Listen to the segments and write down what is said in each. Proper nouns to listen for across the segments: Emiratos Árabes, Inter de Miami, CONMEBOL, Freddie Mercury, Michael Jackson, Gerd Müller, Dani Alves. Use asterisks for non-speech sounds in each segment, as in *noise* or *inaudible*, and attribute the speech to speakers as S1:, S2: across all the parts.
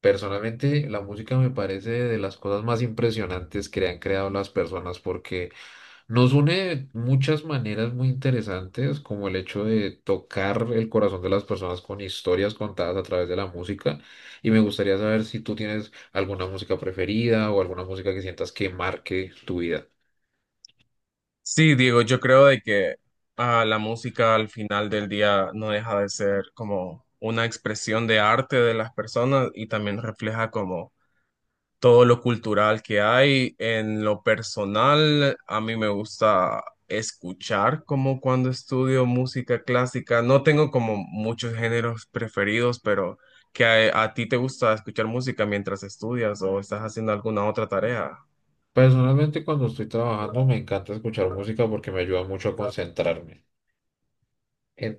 S1: Personalmente, la música me parece de las cosas más impresionantes que han creado las personas porque nos une de muchas maneras muy interesantes, como el hecho de tocar el corazón de las personas con historias contadas a través de la música. Y me gustaría saber si tú tienes alguna música preferida o alguna música que sientas que marque tu vida.
S2: Sí, Diego, yo creo de que la música al final del día no deja de ser como una expresión de arte de las personas y también refleja como todo lo cultural que hay. En lo personal, a mí me gusta escuchar como cuando estudio música clásica. No tengo como muchos géneros preferidos, pero que a ti te gusta escuchar música mientras estudias o estás haciendo alguna otra tarea.
S1: Personalmente, cuando estoy trabajando, me encanta escuchar música porque me ayuda mucho a concentrarme.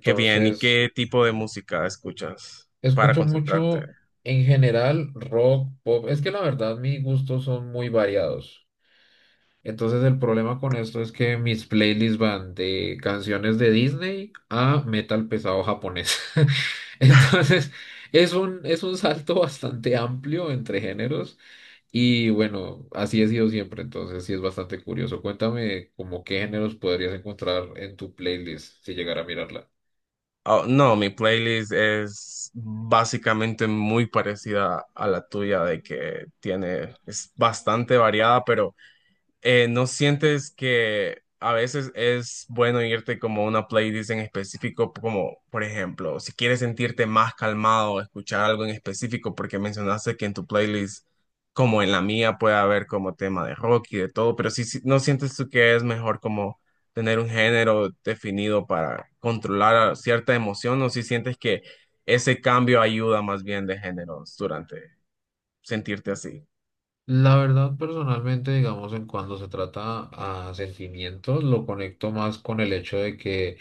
S2: Qué bien, ¿y qué tipo de música escuchas para
S1: Escucho
S2: concentrarte?
S1: mucho en general rock, pop. Es que la verdad mis gustos son muy variados. Entonces el problema con esto es que mis playlists van de canciones de Disney a metal pesado japonés. *laughs* Entonces es un salto bastante amplio entre géneros y bueno, así he sido siempre. Entonces sí es bastante curioso. Cuéntame como qué géneros podrías encontrar en tu playlist si llegara a mirarla.
S2: Oh, no, mi playlist es básicamente muy parecida a la tuya, de que tiene, es bastante variada, pero ¿no sientes que a veces es bueno irte como a una playlist en específico, como por ejemplo, si quieres sentirte más calmado, escuchar algo en específico, porque mencionaste que en tu playlist, como en la mía, puede haber como tema de rock y de todo, pero si no sientes tú que es mejor como tener un género definido para controlar a cierta emoción, o si sientes que ese cambio ayuda más bien de géneros durante sentirte así?
S1: La verdad, personalmente, digamos, en cuando se trata a sentimientos, lo conecto más con el hecho de que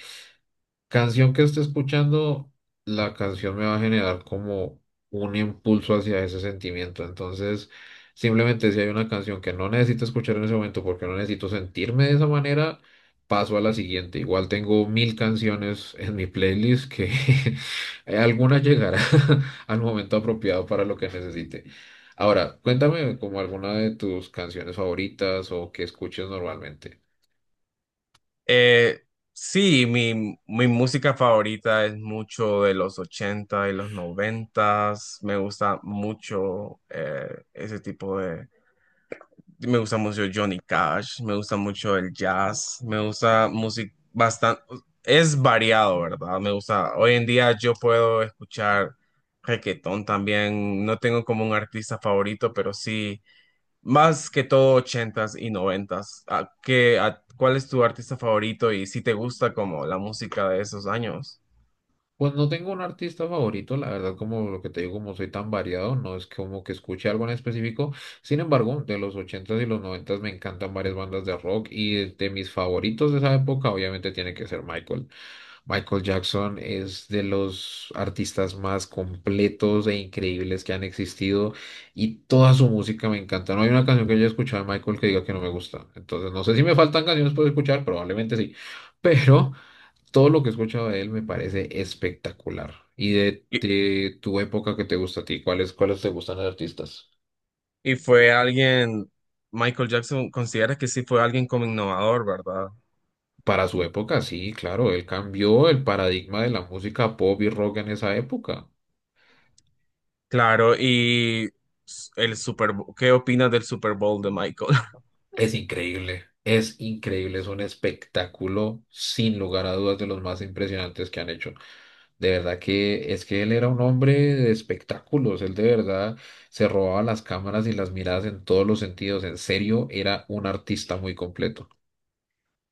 S1: canción que esté escuchando, la canción me va a generar como un impulso hacia ese sentimiento. Entonces, simplemente si hay una canción que no necesito escuchar en ese momento porque no necesito sentirme de esa manera, paso a la siguiente. Igual tengo mil canciones en mi playlist que *laughs* alguna llegará *laughs* al momento apropiado para lo que necesite. Ahora, cuéntame como alguna de tus canciones favoritas o que escuches normalmente.
S2: Eh, sí, mi música favorita es mucho de los 80 y los 90. Me gusta mucho ese tipo de... Me gusta mucho Johnny Cash, me gusta mucho el jazz, me gusta música bastante... Es variado, ¿verdad? Me gusta... Hoy en día yo puedo escuchar reggaetón también. No tengo como un artista favorito, pero sí... Más que todo ochentas y noventas. ¿A qué, cuál es tu artista favorito y si te gusta como la música de esos años?
S1: Pues no tengo un artista favorito, la verdad, como lo que te digo, como soy tan variado, no es como que escuche algo en específico. Sin embargo, de los ochentas y los noventas me encantan varias bandas de rock y de mis favoritos de esa época, obviamente tiene que ser Michael. Michael Jackson es de los artistas más completos e increíbles que han existido y toda su música me encanta. No hay una canción que haya escuchado de Michael que diga que no me gusta. Entonces, no sé si me faltan canciones por escuchar, probablemente sí. Pero todo lo que he escuchado de él me parece espectacular. Y
S2: Y,
S1: de tu época que te gusta a ti, ¿cuáles, cuáles te gustan los artistas?
S2: y fue alguien, Michael Jackson, considera que sí fue alguien como innovador, ¿verdad?
S1: Para su época, sí, claro, él cambió el paradigma de la música pop y rock en esa época.
S2: Claro, y el Super Bowl, ¿qué opinas del Super Bowl de Michael?
S1: Es increíble, es increíble, es un espectáculo sin lugar a dudas de los más impresionantes que han hecho. De verdad que es que él era un hombre de espectáculos, él de verdad se robaba las cámaras y las miradas en todos los sentidos, en serio, era un artista muy completo.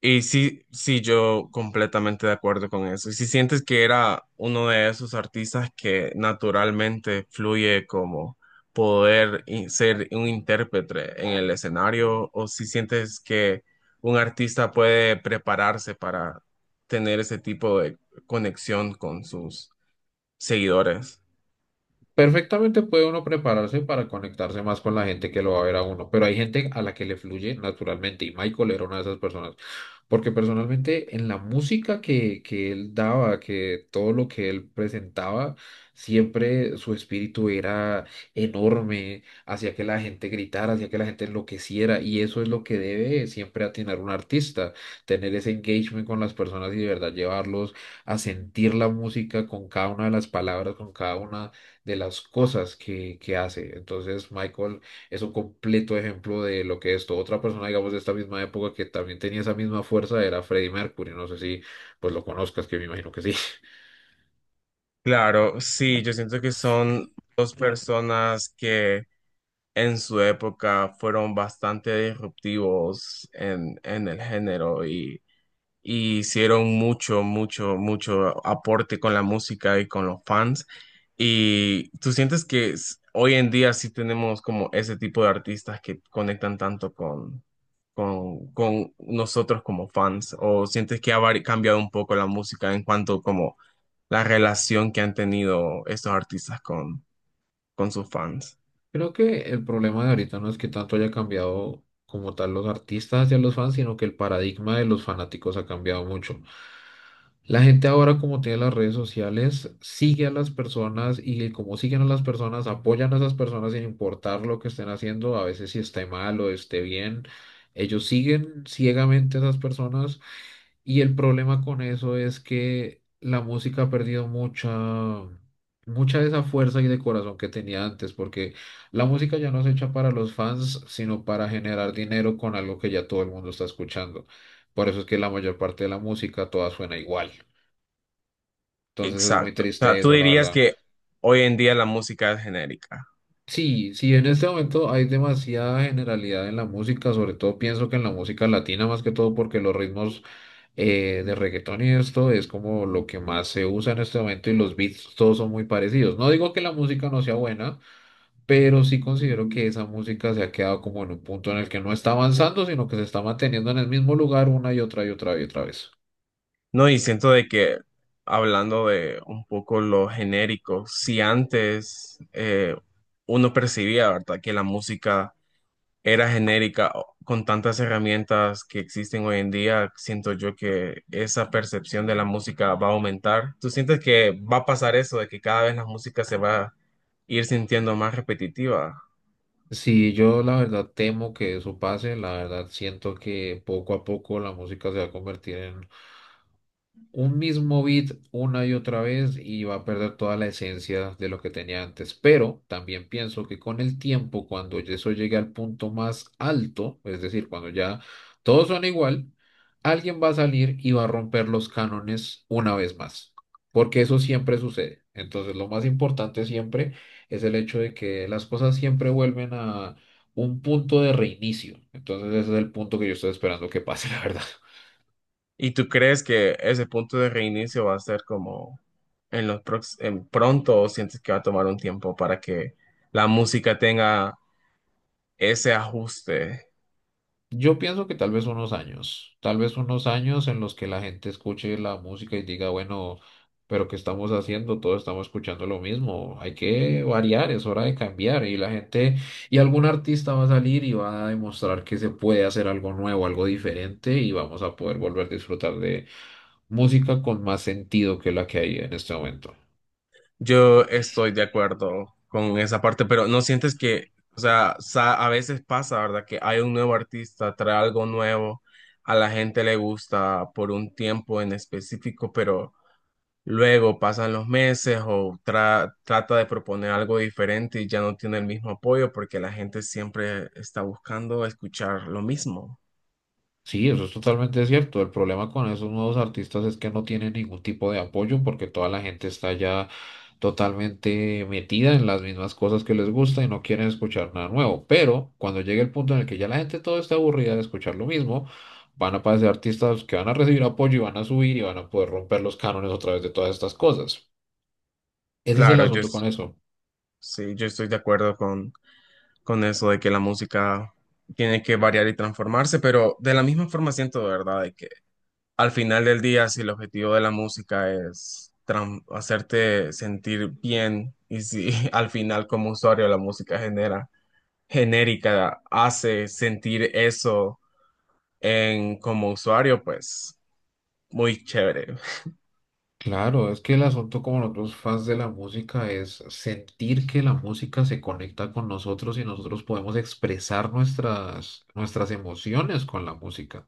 S2: Y sí, sí, yo completamente de acuerdo con eso. Y si sientes que era uno de esos artistas que naturalmente fluye como poder ser un intérprete en el escenario, o si sientes que un artista puede prepararse para tener ese tipo de conexión con sus seguidores.
S1: Perfectamente puede uno prepararse para conectarse más con la gente que lo va a ver a uno, pero hay gente a la que le fluye naturalmente y Michael era una de esas personas, porque personalmente en la música que él daba, que todo lo que él presentaba, siempre su espíritu era enorme, hacía que la gente gritara, hacía que la gente enloqueciera y eso es lo que debe siempre atinar un artista, tener ese engagement con las personas y de verdad llevarlos a sentir la música con cada una de las palabras, con cada una de las cosas que hace. Entonces, Michael es un completo ejemplo de lo que es esto. Otra persona, digamos, de esta misma época que también tenía esa misma fuerza era Freddie Mercury. No sé si pues lo conozcas, que me imagino que sí. *laughs*
S2: Claro, sí, yo siento que son dos personas que en su época fueron bastante disruptivos en el género y hicieron mucho, mucho, mucho aporte con la música y con los fans. ¿Y tú sientes que hoy en día sí tenemos como ese tipo de artistas que conectan tanto con nosotros como fans? ¿O sientes que ha cambiado un poco la música en cuanto como la relación que han tenido estos artistas con sus fans?
S1: Creo que el problema de ahorita no es que tanto haya cambiado como tal los artistas hacia los fans, sino que el paradigma de los fanáticos ha cambiado mucho. La gente ahora, como tiene las redes sociales, sigue a las personas y como siguen a las personas, apoyan a esas personas sin importar lo que estén haciendo, a veces si esté mal o esté bien. Ellos siguen ciegamente a esas personas y el problema con eso es que la música ha perdido mucha, mucha de esa fuerza y de corazón que tenía antes, porque la música ya no es hecha para los fans, sino para generar dinero con algo que ya todo el mundo está escuchando. Por eso es que la mayor parte de la música toda suena igual. Entonces es muy
S2: Exacto. O sea,
S1: triste
S2: tú
S1: eso, la
S2: dirías
S1: verdad.
S2: que hoy en día la música es genérica.
S1: Sí, sí, en este momento hay demasiada generalidad en la música, sobre todo pienso que en la música latina más que todo porque los ritmos de reggaetón y esto es como lo que más se usa en este momento y los beats todos son muy parecidos. No digo que la música no sea buena, pero sí considero que esa música se ha quedado como en un punto en el que no está avanzando, sino que se está manteniendo en el mismo lugar una y otra y otra y otra vez.
S2: No, y siento de que hablando de un poco lo genérico, si antes uno percibía, ¿verdad?, que la música era genérica, con tantas herramientas que existen hoy en día, siento yo que esa percepción de la música va a aumentar. ¿Tú sientes que va a pasar eso, de que cada vez la música se va a ir sintiendo más repetitiva?
S1: Sí, yo la verdad temo que eso pase, la verdad siento que poco a poco la música se va a convertir en un mismo beat una y otra vez y va a perder toda la esencia de lo que tenía antes. Pero también pienso que con el tiempo, cuando eso llegue al punto más alto, es decir, cuando ya todos son igual, alguien va a salir y va a romper los cánones una vez más, porque eso siempre sucede. Entonces, lo más importante siempre es el hecho de que las cosas siempre vuelven a un punto de reinicio. Entonces, ese es el punto que yo estoy esperando que pase, *laughs* la verdad.
S2: ¿Y tú crees que ese punto de reinicio va a ser como en los en pronto o sientes que va a tomar un tiempo para que la música tenga ese ajuste?
S1: Yo pienso que tal vez unos años, tal vez unos años en los que la gente escuche la música y diga, bueno, pero ¿qué estamos haciendo? Todos estamos escuchando lo mismo, hay que variar, es hora de cambiar y la gente, y algún artista va a salir y va a demostrar que se puede hacer algo nuevo, algo diferente y vamos a poder volver a disfrutar de música con más sentido que la que hay en este momento.
S2: Yo estoy de acuerdo con esa parte, pero no sientes que, o sea, a veces pasa, ¿verdad? Que hay un nuevo artista, trae algo nuevo, a la gente le gusta por un tiempo en específico, pero luego pasan los meses o trata de proponer algo diferente y ya no tiene el mismo apoyo porque la gente siempre está buscando escuchar lo mismo.
S1: Sí, eso es totalmente cierto. El problema con esos nuevos artistas es que no tienen ningún tipo de apoyo porque toda la gente está ya totalmente metida en las mismas cosas que les gusta y no quieren escuchar nada nuevo. Pero cuando llegue el punto en el que ya la gente todo está aburrida de escuchar lo mismo, van a aparecer artistas que van a recibir apoyo y van a subir y van a poder romper los cánones otra vez de todas estas cosas. Ese es el
S2: Claro,
S1: asunto con eso.
S2: sí, yo estoy de acuerdo con eso de que la música tiene que variar y transformarse, pero de la misma forma siento de verdad de que al final del día, si el objetivo de la música es hacerte sentir bien y si *laughs* al final como usuario la música genera genérica hace sentir eso en como usuario, pues muy chévere.
S1: Claro, es que el asunto como nosotros fans de la música es sentir que la música se conecta con nosotros y nosotros podemos expresar nuestras emociones con la música.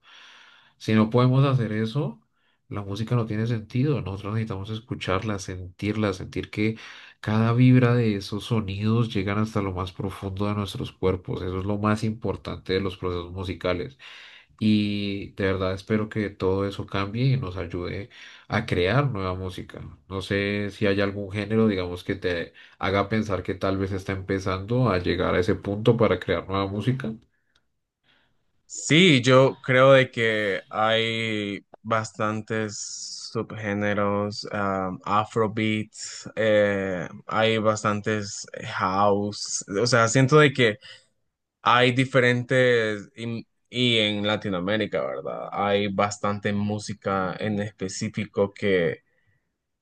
S1: Si no podemos hacer eso, la música no tiene sentido. Nosotros necesitamos escucharla, sentirla, sentir que cada vibra de esos sonidos llegan hasta lo más profundo de nuestros cuerpos. Eso es lo más importante de los procesos musicales. Y de verdad espero que todo eso cambie y nos ayude a crear nueva música. No sé si hay algún género, digamos, que te haga pensar que tal vez está empezando a llegar a ese punto para crear nueva música.
S2: Sí, yo creo de que hay bastantes subgéneros, Afrobeat, hay bastantes house, o sea, siento de que hay diferentes y en Latinoamérica, ¿verdad? Hay bastante música en específico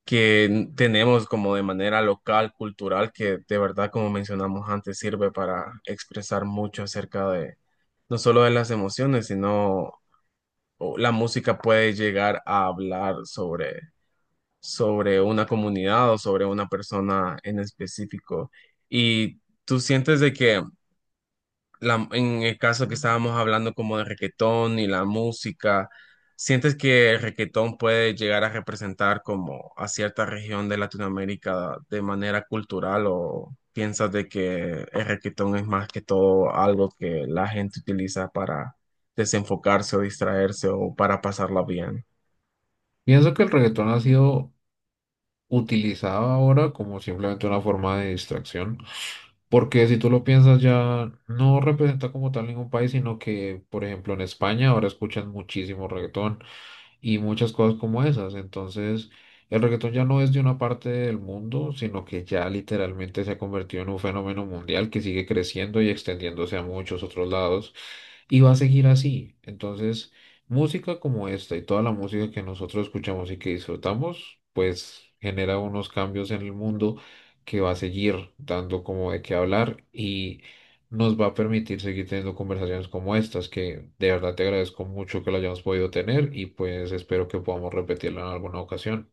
S2: que tenemos como de manera local, cultural, que de verdad, como mencionamos antes, sirve para expresar mucho acerca de no solo de las emociones, sino o la música puede llegar a hablar sobre, sobre una comunidad o sobre una persona en específico. Y tú sientes de que en el caso que estábamos hablando como de reguetón y la música, ¿sientes que el reguetón puede llegar a representar como a cierta región de Latinoamérica de manera cultural o piensas de que el reguetón es más que todo algo que la gente utiliza para desenfocarse o distraerse o para pasarla bien?
S1: Pienso que el reggaetón ha sido utilizado ahora como simplemente una forma de distracción, porque si tú lo piensas ya no representa como tal ningún país, sino que, por ejemplo, en España ahora escuchan muchísimo reggaetón y muchas cosas como esas. Entonces, el reggaetón ya no es de una parte del mundo, sino que ya literalmente se ha convertido en un fenómeno mundial que sigue creciendo y extendiéndose a muchos otros lados. Y va a seguir así. Entonces, música como esta y toda la música que nosotros escuchamos y que disfrutamos, pues genera unos cambios en el mundo que va a seguir dando como de qué hablar y nos va a permitir seguir teniendo conversaciones como estas, que de verdad te agradezco mucho que lo hayamos podido tener y pues espero que podamos repetirlo en alguna ocasión.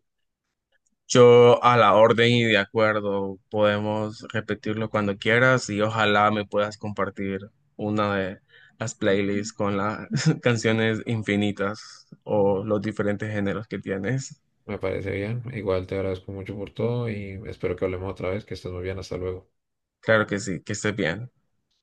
S2: Yo a la orden y de acuerdo, podemos repetirlo cuando quieras y ojalá me puedas compartir una de las playlists con las *laughs* canciones infinitas o los diferentes géneros que tienes.
S1: Me parece bien. Igual te agradezco mucho por todo y espero que hablemos otra vez, que estés muy bien. Hasta luego.
S2: Claro que sí, que estés bien.